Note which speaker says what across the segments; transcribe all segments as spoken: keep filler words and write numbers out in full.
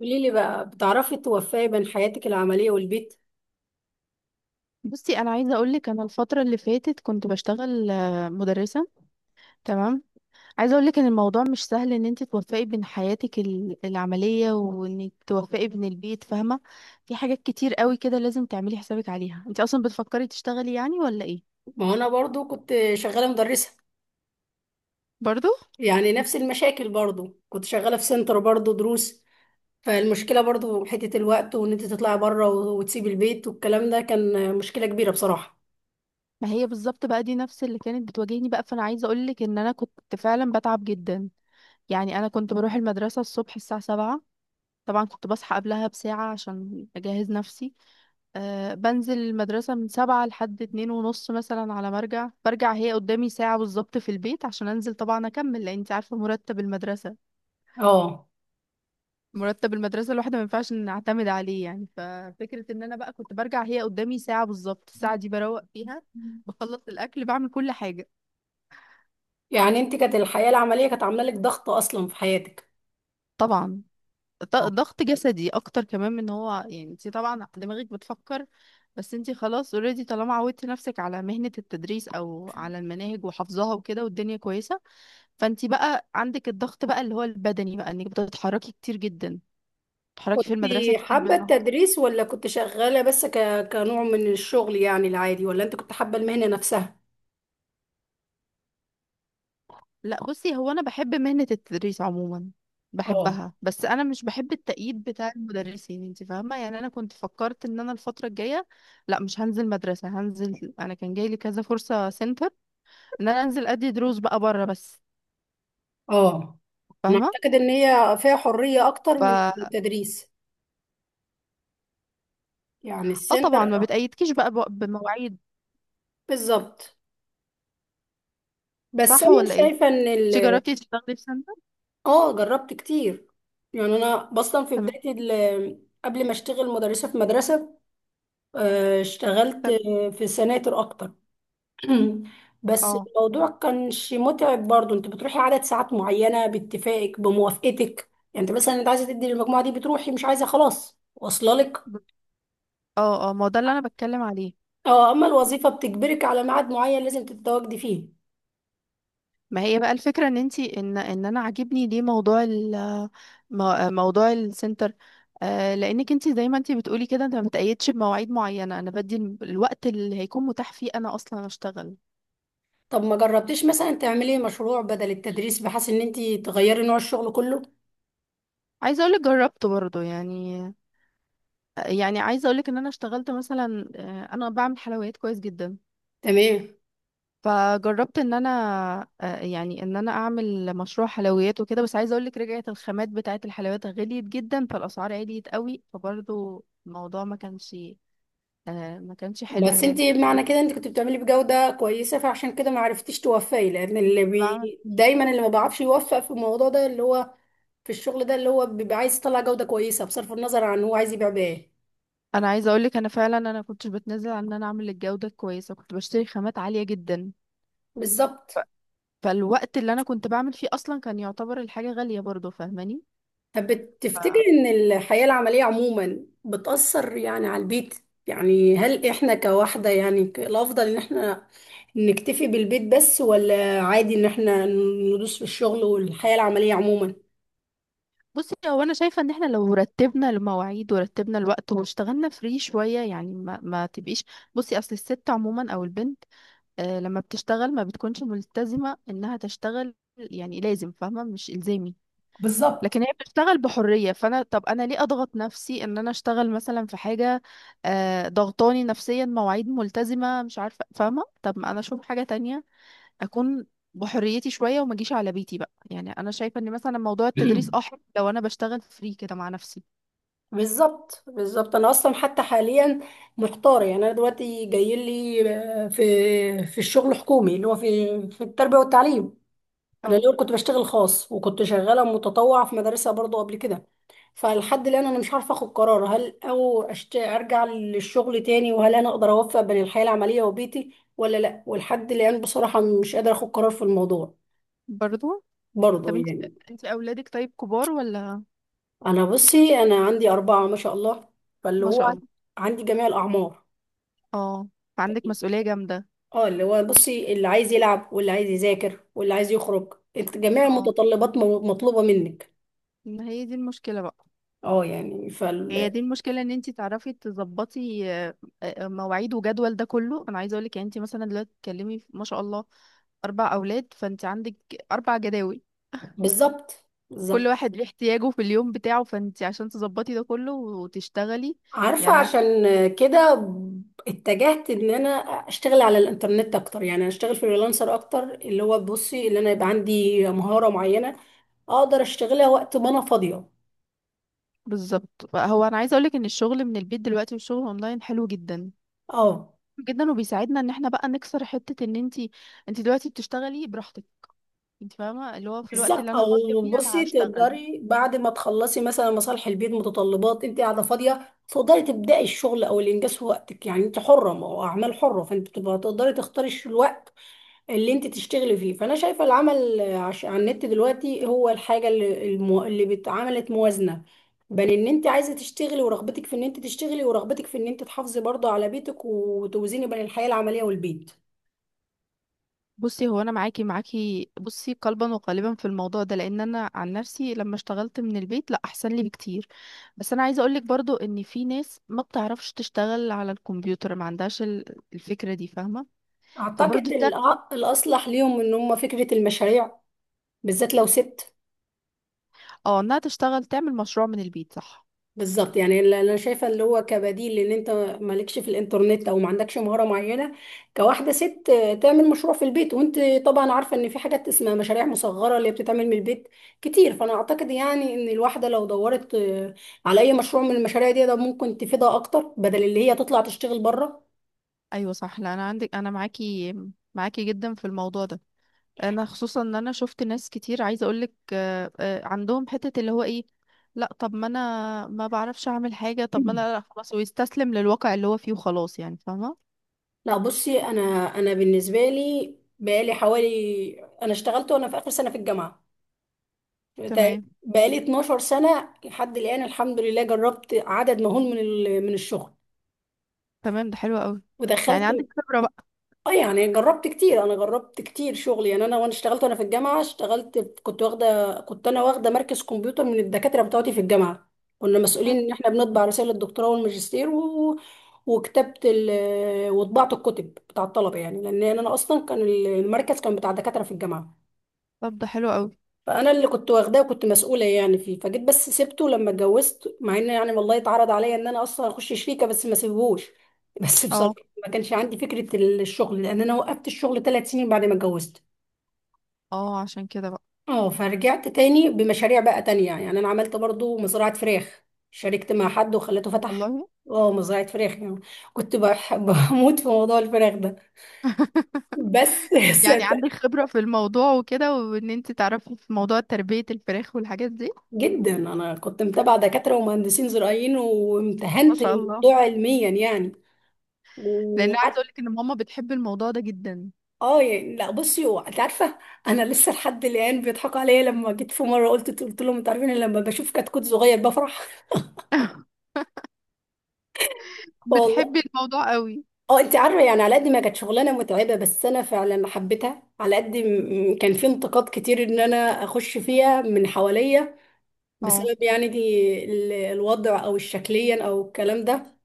Speaker 1: قولي لي بقى بتعرفي توفقي بين حياتك العملية والبيت؟
Speaker 2: بصي، انا عايزه اقول لك انا الفتره اللي فاتت كنت بشتغل آه، مدرسه. تمام. عايزه اقول لك ان الموضوع مش سهل ان انت توفقي بين حياتك ال- العمليه، وانك توفقي بين البيت، فاهمه؟ في حاجات كتير قوي كده لازم تعملي حسابك عليها. انت اصلا بتفكري تشتغلي يعني ولا ايه؟
Speaker 1: ما هو انا برضو كنت شغالة مدرسة.
Speaker 2: برضو.
Speaker 1: يعني نفس المشاكل، برضو كنت شغالة في سنتر برضو دروس. فالمشكلة برضو حتة الوقت، وان انت تطلعي بره وتسيبي البيت والكلام ده، كان مشكلة كبيرة بصراحة.
Speaker 2: ما هي بالظبط بقى دي نفس اللي كانت بتواجهني بقى، فانا عايزه اقول لك ان انا كنت فعلا بتعب جدا. يعني انا كنت بروح المدرسه الصبح الساعه سبعة. طبعا كنت بصحى قبلها بساعه عشان اجهز نفسي. أه بنزل المدرسة من سبعة لحد اتنين ونص مثلا. على ما ارجع برجع هي قدامي ساعة بالظبط في البيت عشان انزل طبعا اكمل، لان انت عارفة مرتب المدرسة.
Speaker 1: اه،
Speaker 2: مرتب المدرسة الواحدة ما ينفعش نعتمد عليه يعني. ففكرة ان انا بقى كنت برجع هي قدامي ساعة بالظبط، الساعة دي بروق فيها. بخلص الاكل بعمل كل حاجة.
Speaker 1: يعني انت كانت الحياة العملية كانت عاملة لك ضغط اصلا في حياتك.
Speaker 2: طبعا. ط-
Speaker 1: آه.
Speaker 2: ضغط جسدي اكتر كمان من هو يعني، انت طبعا دماغك بتفكر. بس انت خلاص اوريدي طالما عودتي نفسك على مهنة التدريس او على المناهج وحفظها وكده، والدنيا كويسة. فانت بقى عندك الضغط بقى اللي هو البدني بقى انك بتتحركي كتير جدا. بتتحركي
Speaker 1: كنت
Speaker 2: في المدرسة كتير
Speaker 1: حابة
Speaker 2: بالنهار.
Speaker 1: التدريس، ولا كنت شغالة بس ك... كنوع من الشغل يعني العادي، ولا انت كنت حابة المهنة نفسها؟
Speaker 2: لا بصي، هو انا بحب مهنة التدريس عموما.
Speaker 1: اه،
Speaker 2: بحبها، بس انا مش بحب التأييد بتاع المدرسين، انت فاهمة؟ يعني انا كنت فكرت ان انا الفترة الجاية، لا مش هنزل مدرسة، هنزل. انا كان جاي لي كذا فرصة سنتر، ان انا انزل ادي دروس بقى بره بس.
Speaker 1: اه، انا
Speaker 2: فاهمة؟
Speaker 1: اعتقد ان هي فيها حرية اكتر
Speaker 2: ف
Speaker 1: من
Speaker 2: اه
Speaker 1: التدريس. يعني السنتر
Speaker 2: طبعا ما
Speaker 1: آه،
Speaker 2: بتأيدكيش بقى، بو- بمواعيد.
Speaker 1: بالظبط. بس
Speaker 2: صح
Speaker 1: انا
Speaker 2: ولا ايه؟
Speaker 1: شايفة ان
Speaker 2: انت
Speaker 1: ال...
Speaker 2: جربتي تشتغلي في سنتر؟
Speaker 1: اه، جربت كتير. يعني انا اصلا في
Speaker 2: تمام.
Speaker 1: بداية ال... قبل ما اشتغل مدرسة في مدرسة. آه، اشتغلت
Speaker 2: تمام.
Speaker 1: آه، في سناتر اكتر. بس
Speaker 2: اه،
Speaker 1: الموضوع كانش متعب. برضو انت بتروحي عدد ساعات معينة باتفاقك بموافقتك. يعني انت مثلا، انت عايزة تدي للمجموعة دي بتروحي، مش عايزة خلاص واصله لك.
Speaker 2: اه، اه، ما هو ده اللي انا بتكلم عليه.
Speaker 1: اه، اما الوظيفة بتجبرك على ميعاد معين لازم تتواجدي فيه.
Speaker 2: ما هي بقى الفكره ان انتي ان ان انا عاجبني ليه موضوع ال مو- موضوع السنتر. آه لانك انتي زي ما انتي بتقولي كده، انت ما بتقيدش بمواعيد معينه. انا بدي ال- الوقت اللي هيكون متاح فيه انا اصلا اشتغل.
Speaker 1: طب ما جربتيش مثلا تعملي مشروع بدل التدريس بحيث ان انت تغيري نوع الشغل كله؟
Speaker 2: عايزه اقولك جربت برضو يعني. يعني عايزه اقولك ان انا اشتغلت مثلا، آه، انا بعمل حلويات كويس جدا.
Speaker 1: تمام.
Speaker 2: فجربت ان انا آه، يعني ان انا اعمل مشروع حلويات وكده. بس عايزه اقول لك رجعت الخامات بتاعه الحلويات غليت جدا، فالاسعار عاليت قوي، فبرضه الموضوع ما كانش، آه، ما كانش حلو
Speaker 1: بس انت،
Speaker 2: يعني،
Speaker 1: معنى
Speaker 2: فاهماني؟
Speaker 1: كده انت كنت بتعملي بجودة كويسة، فعشان كده ما عرفتيش توفقي، لان اللي
Speaker 2: بعمل-
Speaker 1: بي... دايما اللي ما بيعرفش يوفق في الموضوع ده، اللي هو في الشغل ده، اللي هو بيبقى عايز يطلع جودة كويسة بصرف النظر عن هو عايز يبيع بايه.
Speaker 2: انا عايزه اقول لك انا فعلا انا كنتش بتنازل عن ان انا اعمل الجوده كويسه، كنت بشتري خامات عاليه جدا. ف-
Speaker 1: بالظبط.
Speaker 2: فالوقت اللي انا كنت بعمل فيه اصلا كان يعتبر الحاجه غاليه برضه، فاهماني؟
Speaker 1: طب بتفتكر ان الحياة العملية عموما بتأثر يعني على البيت؟ يعني هل احنا كواحدة يعني، ك- الافضل ان احنا نكتفي بالبيت بس، ولا عادي ان احنا ندوس في الشغل والحياة العملية عموما؟
Speaker 2: بصي هو انا شايفه ان احنا لو رتبنا المواعيد ورتبنا الوقت واشتغلنا فري شويه يعني، ما, ما تبقيش. بصي اصل الست عموما او البنت، آه لما بتشتغل ما بتكونش ملتزمه انها تشتغل يعني لازم، فاهمه؟ مش الزامي. لكن
Speaker 1: بالظبط.
Speaker 2: هي بتشتغل بحريه، فانا طب انا ليه اضغط نفسي ان انا اشتغل مثلا في حاجه، آه ضغطاني نفسيا، مواعيد ملتزمه، مش عارفه، فاهمه؟ طب ما انا اشوف حاجه تانية، اكون بحريتي شويه، وما اجيش على بيتي بقى. يعني انا شايفه ان مثلا موضوع التدريس اه حلو لو انا بشتغل فري كده مع نفسي.
Speaker 1: بالظبط، بالظبط. انا اصلا حتى حاليا محتارة. يعني انا دلوقتي جاي لي آه، في في الشغل حكومي، اللي هو في في التربية والتعليم. انا
Speaker 2: اه،
Speaker 1: الاول كنت بشتغل خاص، وكنت شغاله متطوعه في مدرسه برضو قبل كده. فلحد الان انا مش عارفه اخد قرار، هل او أشت... ارجع للشغل تاني، وهل انا اقدر اوفق بين الحياه العمليه وبيتي، ولا لا. ولحد الان بصراحه مش قادره اخد قرار في الموضوع.
Speaker 2: برضو.
Speaker 1: برضو
Speaker 2: طب انت
Speaker 1: يعني.
Speaker 2: انت اولادك طيب كبار ولا؟
Speaker 1: انا بصي، انا عندي اربعه ما شاء الله. فاللي
Speaker 2: ما
Speaker 1: هو
Speaker 2: شاء
Speaker 1: عن-
Speaker 2: الله.
Speaker 1: عندي جميع الاعمار.
Speaker 2: اه، فعندك مسؤوليه جامده.
Speaker 1: اه، اللي هو بصي، اللي عايز يلعب، واللي عايز يذاكر، واللي عايز يخرج. إنت- جميع
Speaker 2: اه،
Speaker 1: المتطلبات م- مطلوبه منك.
Speaker 2: ما هي دي المشكله بقى.
Speaker 1: اه يعني ف
Speaker 2: هي دي المشكله ان انت تعرفي تظبطي آه، آه، مواعيد وجدول ده كله. انا عايزه اقول لك يعني انت مثلا دلوقتي بتتكلمي في- ما شاء الله، اربع اولاد، فانت عندك اربع جداول.
Speaker 1: بالظبط،
Speaker 2: كل
Speaker 1: بالظبط.
Speaker 2: واحد ليه احتياجه في اليوم بتاعه، فانت عشان تظبطي ده كله وتشتغلي،
Speaker 1: عارفة،
Speaker 2: يعني أنا-
Speaker 1: عشان كده اتجهت ان انا اشتغل على الانترنت اكتر. يعني اشتغل فريلانسر اكتر، اللي هو بصي، اللي انا يبقى عندي مهارة معينة اقدر اشتغلها وقت ما انا فاضية.
Speaker 2: بالظبط. هو انا عايزه اقولك ان الشغل من البيت دلوقتي والشغل اونلاين حلو جدا
Speaker 1: اه،
Speaker 2: جدا، وبيساعدنا ان احنا بقى نكسر حته ان انت انت دلوقتي بتشتغلي براحتك. انت فاهمه؟ اللي هو في الوقت اللي
Speaker 1: بالظبط.
Speaker 2: انا فاضيه
Speaker 1: او
Speaker 2: فيه انا
Speaker 1: بصي،
Speaker 2: هشتغل.
Speaker 1: تقدري بعد ما تخلصي مثلا مصالح البيت، متطلبات، انت قاعدة فاضية تقدري تبدأي الشغل او الانجاز في وقتك. يعني انت حرة، ما هو اعمال حرة، فانت بتبقى تقدري تختاري الوقت اللي انت تشتغلي فيه. فانا شايفه العمل عش- على النت دلوقتي هو الحاجه اللي المو... اللي بت- عملت موازنه بين ان انت عايزه تشتغلي، ورغبتك في ان انت تشتغلي، ورغبتك في ان انت تحافظي برضه على بيتك، وتوزيني بين الحياه العمليه والبيت.
Speaker 2: بصي هو انا معاكي معاكي بصي، قلبا وقالبا في الموضوع ده. لان انا عن نفسي لما اشتغلت من البيت، لا احسن لي بكتير. بس انا عايزه اقولك برضو ان في ناس ما بتعرفش تشتغل على الكمبيوتر، ما عندهاش ال- الفكره دي، فاهمه؟ فبرضو
Speaker 1: اعتقد
Speaker 2: التر...
Speaker 1: الأ- الاصلح ليهم ان هم فكره المشاريع، بالذات لو ست.
Speaker 2: اه، انها تشتغل تعمل مشروع من البيت، صح؟
Speaker 1: بالظبط. يعني اللي انا شايفه اللي هو كبديل، لان انت مالكش في الانترنت او ما عندكش مهاره معينه، كواحده ست آه، تعمل مشروع في البيت. وانت طبعا عارفه ان في حاجات اسمها مشاريع مصغره اللي بتتعمل من البيت كتير. فانا اعتقد يعني ان الواحده لو دورت آه، على اي مشروع من المشاريع دي، ده ممكن تفيدها اكتر بدل اللي هي تطلع تشتغل بره.
Speaker 2: ايوه، صح. لا انا عندك، انا معاكي معاكي جدا في الموضوع ده. انا خصوصا ان انا شفت ناس كتير، عايزه اقولك آه، آه، عندهم حته اللي هو ايه، لا طب ما انا ما بعرفش اعمل حاجه، طب ما انا لا خلاص، ويستسلم للواقع اللي هو فيه وخلاص، يعني فاهمه.
Speaker 1: لا، بصي انا، انا بالنسبه لي بقالي حوالي. انا اشتغلت وانا في اخر سنه في الجامعه. بتا-
Speaker 2: تمام.
Speaker 1: بقالي 12 سنة لحد الآن الحمد لله. جربت عدد مهول من ال- من الشغل،
Speaker 2: تمام، ده حلو قوي. يعني
Speaker 1: ودخلت.
Speaker 2: عندك خبره بقى.
Speaker 1: اه، يعني جربت كتير. انا جربت كتير شغل يعني. انا وانا اشتغلت وانا في الجامعة، اشتغلت، كنت واخدة، كنت انا واخدة مركز كمبيوتر من الدكاترة بتوعتي في الجامعة. كنا مسؤولين ان احنا بنطبع رسائل الدكتوراه والماجستير و... وكتبت ال... وطبعت الكتب بتاع الطلبة، يعني لان انا اصلا كان المركز كان بتاع دكاترة في الجامعة.
Speaker 2: طب ده حلو قوي.
Speaker 1: فانا اللي كنت واخداه، وكنت مسؤوله يعني فيه. فجيت بس سبته لما اتجوزت، مع ان يعني والله اتعرض عليا ان انا اصلا اخش شريكه، بس ما سيبهوش بس بصراحه
Speaker 2: اه،
Speaker 1: ما كانش عندي فكره الشغل، لان انا وقفت الشغل ثلاث سنين بعد ما اتجوزت.
Speaker 2: اه، عشان كده بقى.
Speaker 1: اه، فرجعت تاني بمشاريع بقى تانية يعني. انا عملت برضو مزرعة فراخ. شاركت مع حد وخلته فتح.
Speaker 2: والله.
Speaker 1: اه، مزرعة فراخ يعني. كنت بح- بموت في موضوع الفراخ ده. بس
Speaker 2: يعني
Speaker 1: صدق.
Speaker 2: عندك خبره في الموضوع وكده، وان انت تعرفي في موضوع تربيه الفراخ والحاجات دي.
Speaker 1: جدا، انا كنت متابعة دكاترة ومهندسين زراعيين،
Speaker 2: ما
Speaker 1: وامتهنت
Speaker 2: شاء الله.
Speaker 1: الموضوع علميا يعني.
Speaker 2: لان عايزه
Speaker 1: وقعدت.
Speaker 2: اقولك ان ماما بتحب الموضوع ده جدا.
Speaker 1: اه يعني، لا بصي، هو انت عارفه، انا لسه لحد الان بيضحكوا عليا، لما جيت في مره قلت، قلت لهم: انتوا عارفين أنا لما بشوف كتكوت صغير بفرح؟
Speaker 2: بتحب
Speaker 1: والله.
Speaker 2: الموضوع قوي.
Speaker 1: اه، انت عارفه يعني، على قد ما كانت شغلانه متعبه، بس انا فعلا حبيتها. على قد م- م- كان في انتقاد كتير ان انا اخش فيها من حواليا،
Speaker 2: اه،
Speaker 1: بسبب يعني دي ال- الوضع، او الشكليا، او الكلام ده.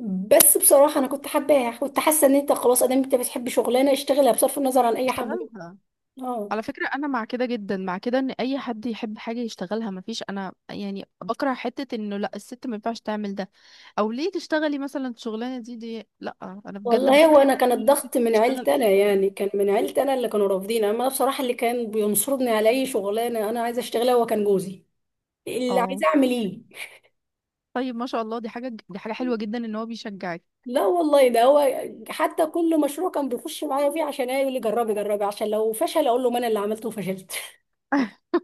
Speaker 1: بس بصراحه انا كنت حباها، كنت حاسه ان انت خلاص، ادام انت بتحب شغلانه اشتغلها بصرف النظر عن اي حد.
Speaker 2: اشتغلها.
Speaker 1: اه
Speaker 2: على فكرة، أنا مع كده جدا، مع كده إن أي حد يحب حاجة يشتغلها. مفيش، أنا يعني بكره حتة إنه لأ الست ما ينفعش تعمل ده، أو ليه تشتغلي مثلا الشغلانة دي دي، لأ. أنا بجد
Speaker 1: والله. هو
Speaker 2: بحترم
Speaker 1: انا كان
Speaker 2: أي ست
Speaker 1: الضغط من
Speaker 2: تشتغل
Speaker 1: عيلتي انا
Speaker 2: أي حاجة.
Speaker 1: يعني. كان من عيلتي انا اللي كانوا رافضين. اما أنا بصراحه، اللي كان بينصرني على اي شغلانه انا عايزه اشتغلها، هو كان جوزي. اللي
Speaker 2: اه.
Speaker 1: عايزه اعمل ايه.
Speaker 2: طيب ما شاء الله، دي حاجة دي حاجة حلوة جدا إن هو بيشجعك.
Speaker 1: لا والله، ده هو حتى كل مشروع كان بيخش معايا فيه، عشان ايه، يقول لي: جربي، جربي، عشان لو فشل اقول له: ما انا اللي عملته وفشلت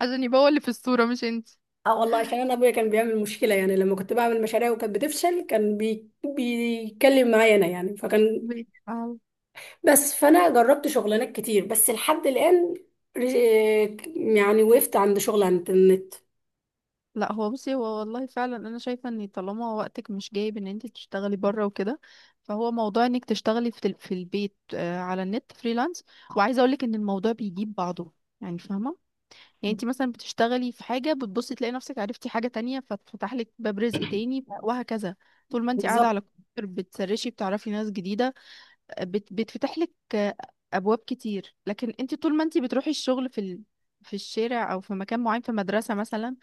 Speaker 2: عشان يبقى هو اللي في الصورة مش أنت.
Speaker 1: اه والله، عشان انا ابويا كان بيعمل مشكله يعني، لما كنت بعمل مشاريع وكانت بتفشل، كان بي... بيتكلم معايا انا يعني. فكان
Speaker 2: ماشي.
Speaker 1: بس. فانا جربت شغلانات كتير، بس لحد الان رج- يعني وقفت عند شغل عند النت.
Speaker 2: لا هو بصي، هو والله فعلا انا شايفه ان طالما وقتك مش جايب ان انت تشتغلي بره وكده، فهو موضوع انك تشتغلي في ال- في البيت، آه، على النت فريلانس. وعايزه اقولك ان الموضوع بيجيب بعضه، يعني فاهمه؟ يعني انت مثلا بتشتغلي في حاجه بتبصي تلاقي نفسك عرفتي حاجه تانية، فتفتح لك باب رزق تاني وهكذا. طول ما انت قاعده
Speaker 1: بالظبط.
Speaker 2: على الكمبيوتر بتسرشي، بتعرفي ناس جديده، بت بتفتح لك ابواب كتير. لكن انت طول ما انت بتروحي الشغل في ال... في الشارع او في مكان معين في مدرسة مثلا،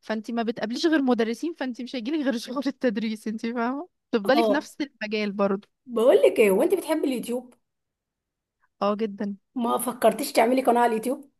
Speaker 2: فانت ما بتقابليش غير مدرسين، فانت مش هيجيلك غير شغل التدريس. انت فاهمة؟ تفضلي في
Speaker 1: اه،
Speaker 2: نفس المجال برضه.
Speaker 1: بقول لك ايه، وانت بتحبي اليوتيوب،
Speaker 2: اه، جدا.
Speaker 1: ما فكرتيش تعملي قناه على اليوتيوب؟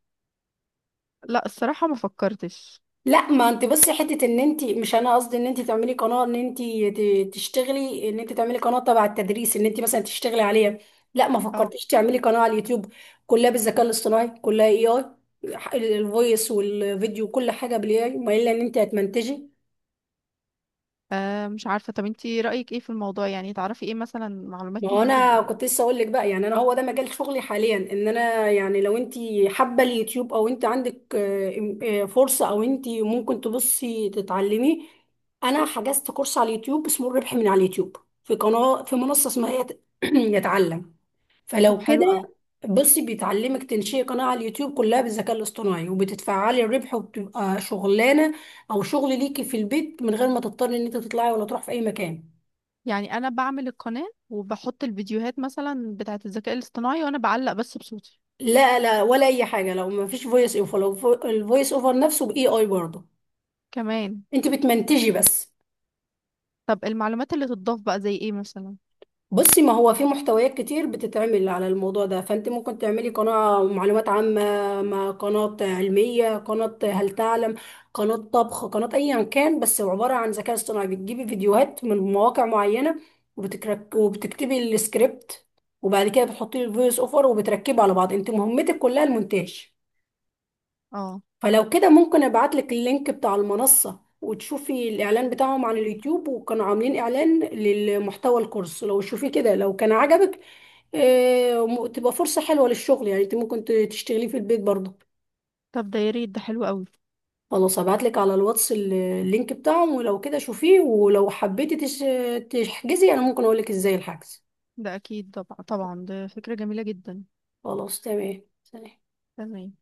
Speaker 2: لا، الصراحة ما فكرتش.
Speaker 1: لا، ما انت بس حته ان انت، مش انا قصدي ان انت تعملي قناه ان انت ت- تشتغلي، ان انت تعملي قناه تبع التدريس ان انت مثلا تشتغلي عليها. لا ما
Speaker 2: اه.
Speaker 1: فكرتيش تعملي قناه على اليوتيوب؟ كلها بالذكاء الاصطناعي، كلها اي اي، الفويس والفيديو كل حاجه بالاي اي، ما الا ان انت هتمنتجي.
Speaker 2: آه، مش عارفة. طب انت رأيك ايه في الموضوع؟ يعني تعرفي ايه مثلا، معلومات
Speaker 1: ما هو
Speaker 2: ممكن
Speaker 1: انا
Speaker 2: تدي.
Speaker 1: كنت لسه اقول لك بقى يعني، انا هو ده مجال شغلي حاليا. ان انا يعني لو انت حابه اليوتيوب، او انت عندك آه، إم- آه، فرصه، او انت ممكن تبصي تتعلمي. انا حجزت كورس على اليوتيوب اسمه الربح من على اليوتيوب، في قناه، في منصه اسمها يت- يتعلم.
Speaker 2: طب
Speaker 1: فلو
Speaker 2: حلو
Speaker 1: كده،
Speaker 2: قوي.
Speaker 1: بصي، بيتعلمك تنشئي قناه على اليوتيوب كلها بالذكاء الاصطناعي، وبتتفعلي الربح، وبتبقى شغلانه او شغل ليكي في البيت، من غير ما تضطري ان انت تطلعي ولا تروحي في اي مكان.
Speaker 2: يعني انا بعمل القناة وبحط الفيديوهات مثلا بتاعة الذكاء الاصطناعي، وانا بعلق بس بصوتي؟
Speaker 1: لا، لا، ولا اي حاجه. لو ما فيش فويس اوفر، لو فو- الفويس اوفر نفسه باي اي برضه،
Speaker 2: كمان.
Speaker 1: انت بتمنتجي بس.
Speaker 2: طب المعلومات اللي تضاف بقى زي ايه مثلا؟
Speaker 1: بصي، ما هو في محتويات كتير بتتعمل على الموضوع ده، فانت ممكن تعملي قناه معلومات عامه، مع قناه علميه، قناه هل تعلم، قناه طبخ، قناه ايا كان، بس عباره عن ذكاء اصطناعي. بتجيبي فيديوهات من مواقع معينه، وبتكرك وبتكتبي السكريبت، وبعد كده بتحطي الفويس اوفر وبتركبه على بعض. انت مهمتك كلها المونتاج.
Speaker 2: اه.
Speaker 1: فلو كده، ممكن ابعتلك اللينك بتاع المنصة، وتشوفي الاعلان بتاعهم على اليوتيوب، وكانوا عاملين اعلان للمحتوى الكورس، لو شوفي كده، لو كان عجبك آه، م- تبقى فرصة حلوة للشغل. يعني انت ممكن ت- تشتغليه في البيت برضه.
Speaker 2: طب ده يا ريت، ده حلو قوي.
Speaker 1: خلاص، هبعتلك على الواتس ال- اللينك بتاعهم، ولو كده شوفيه، ولو حبيتي تش- تحجزي انا ممكن اقولك ازاي الحجز.
Speaker 2: ده اكيد، طبعا، طبعا، ده فكرة جميلة جدا.
Speaker 1: خلاص، تمام، سلام.
Speaker 2: تمام.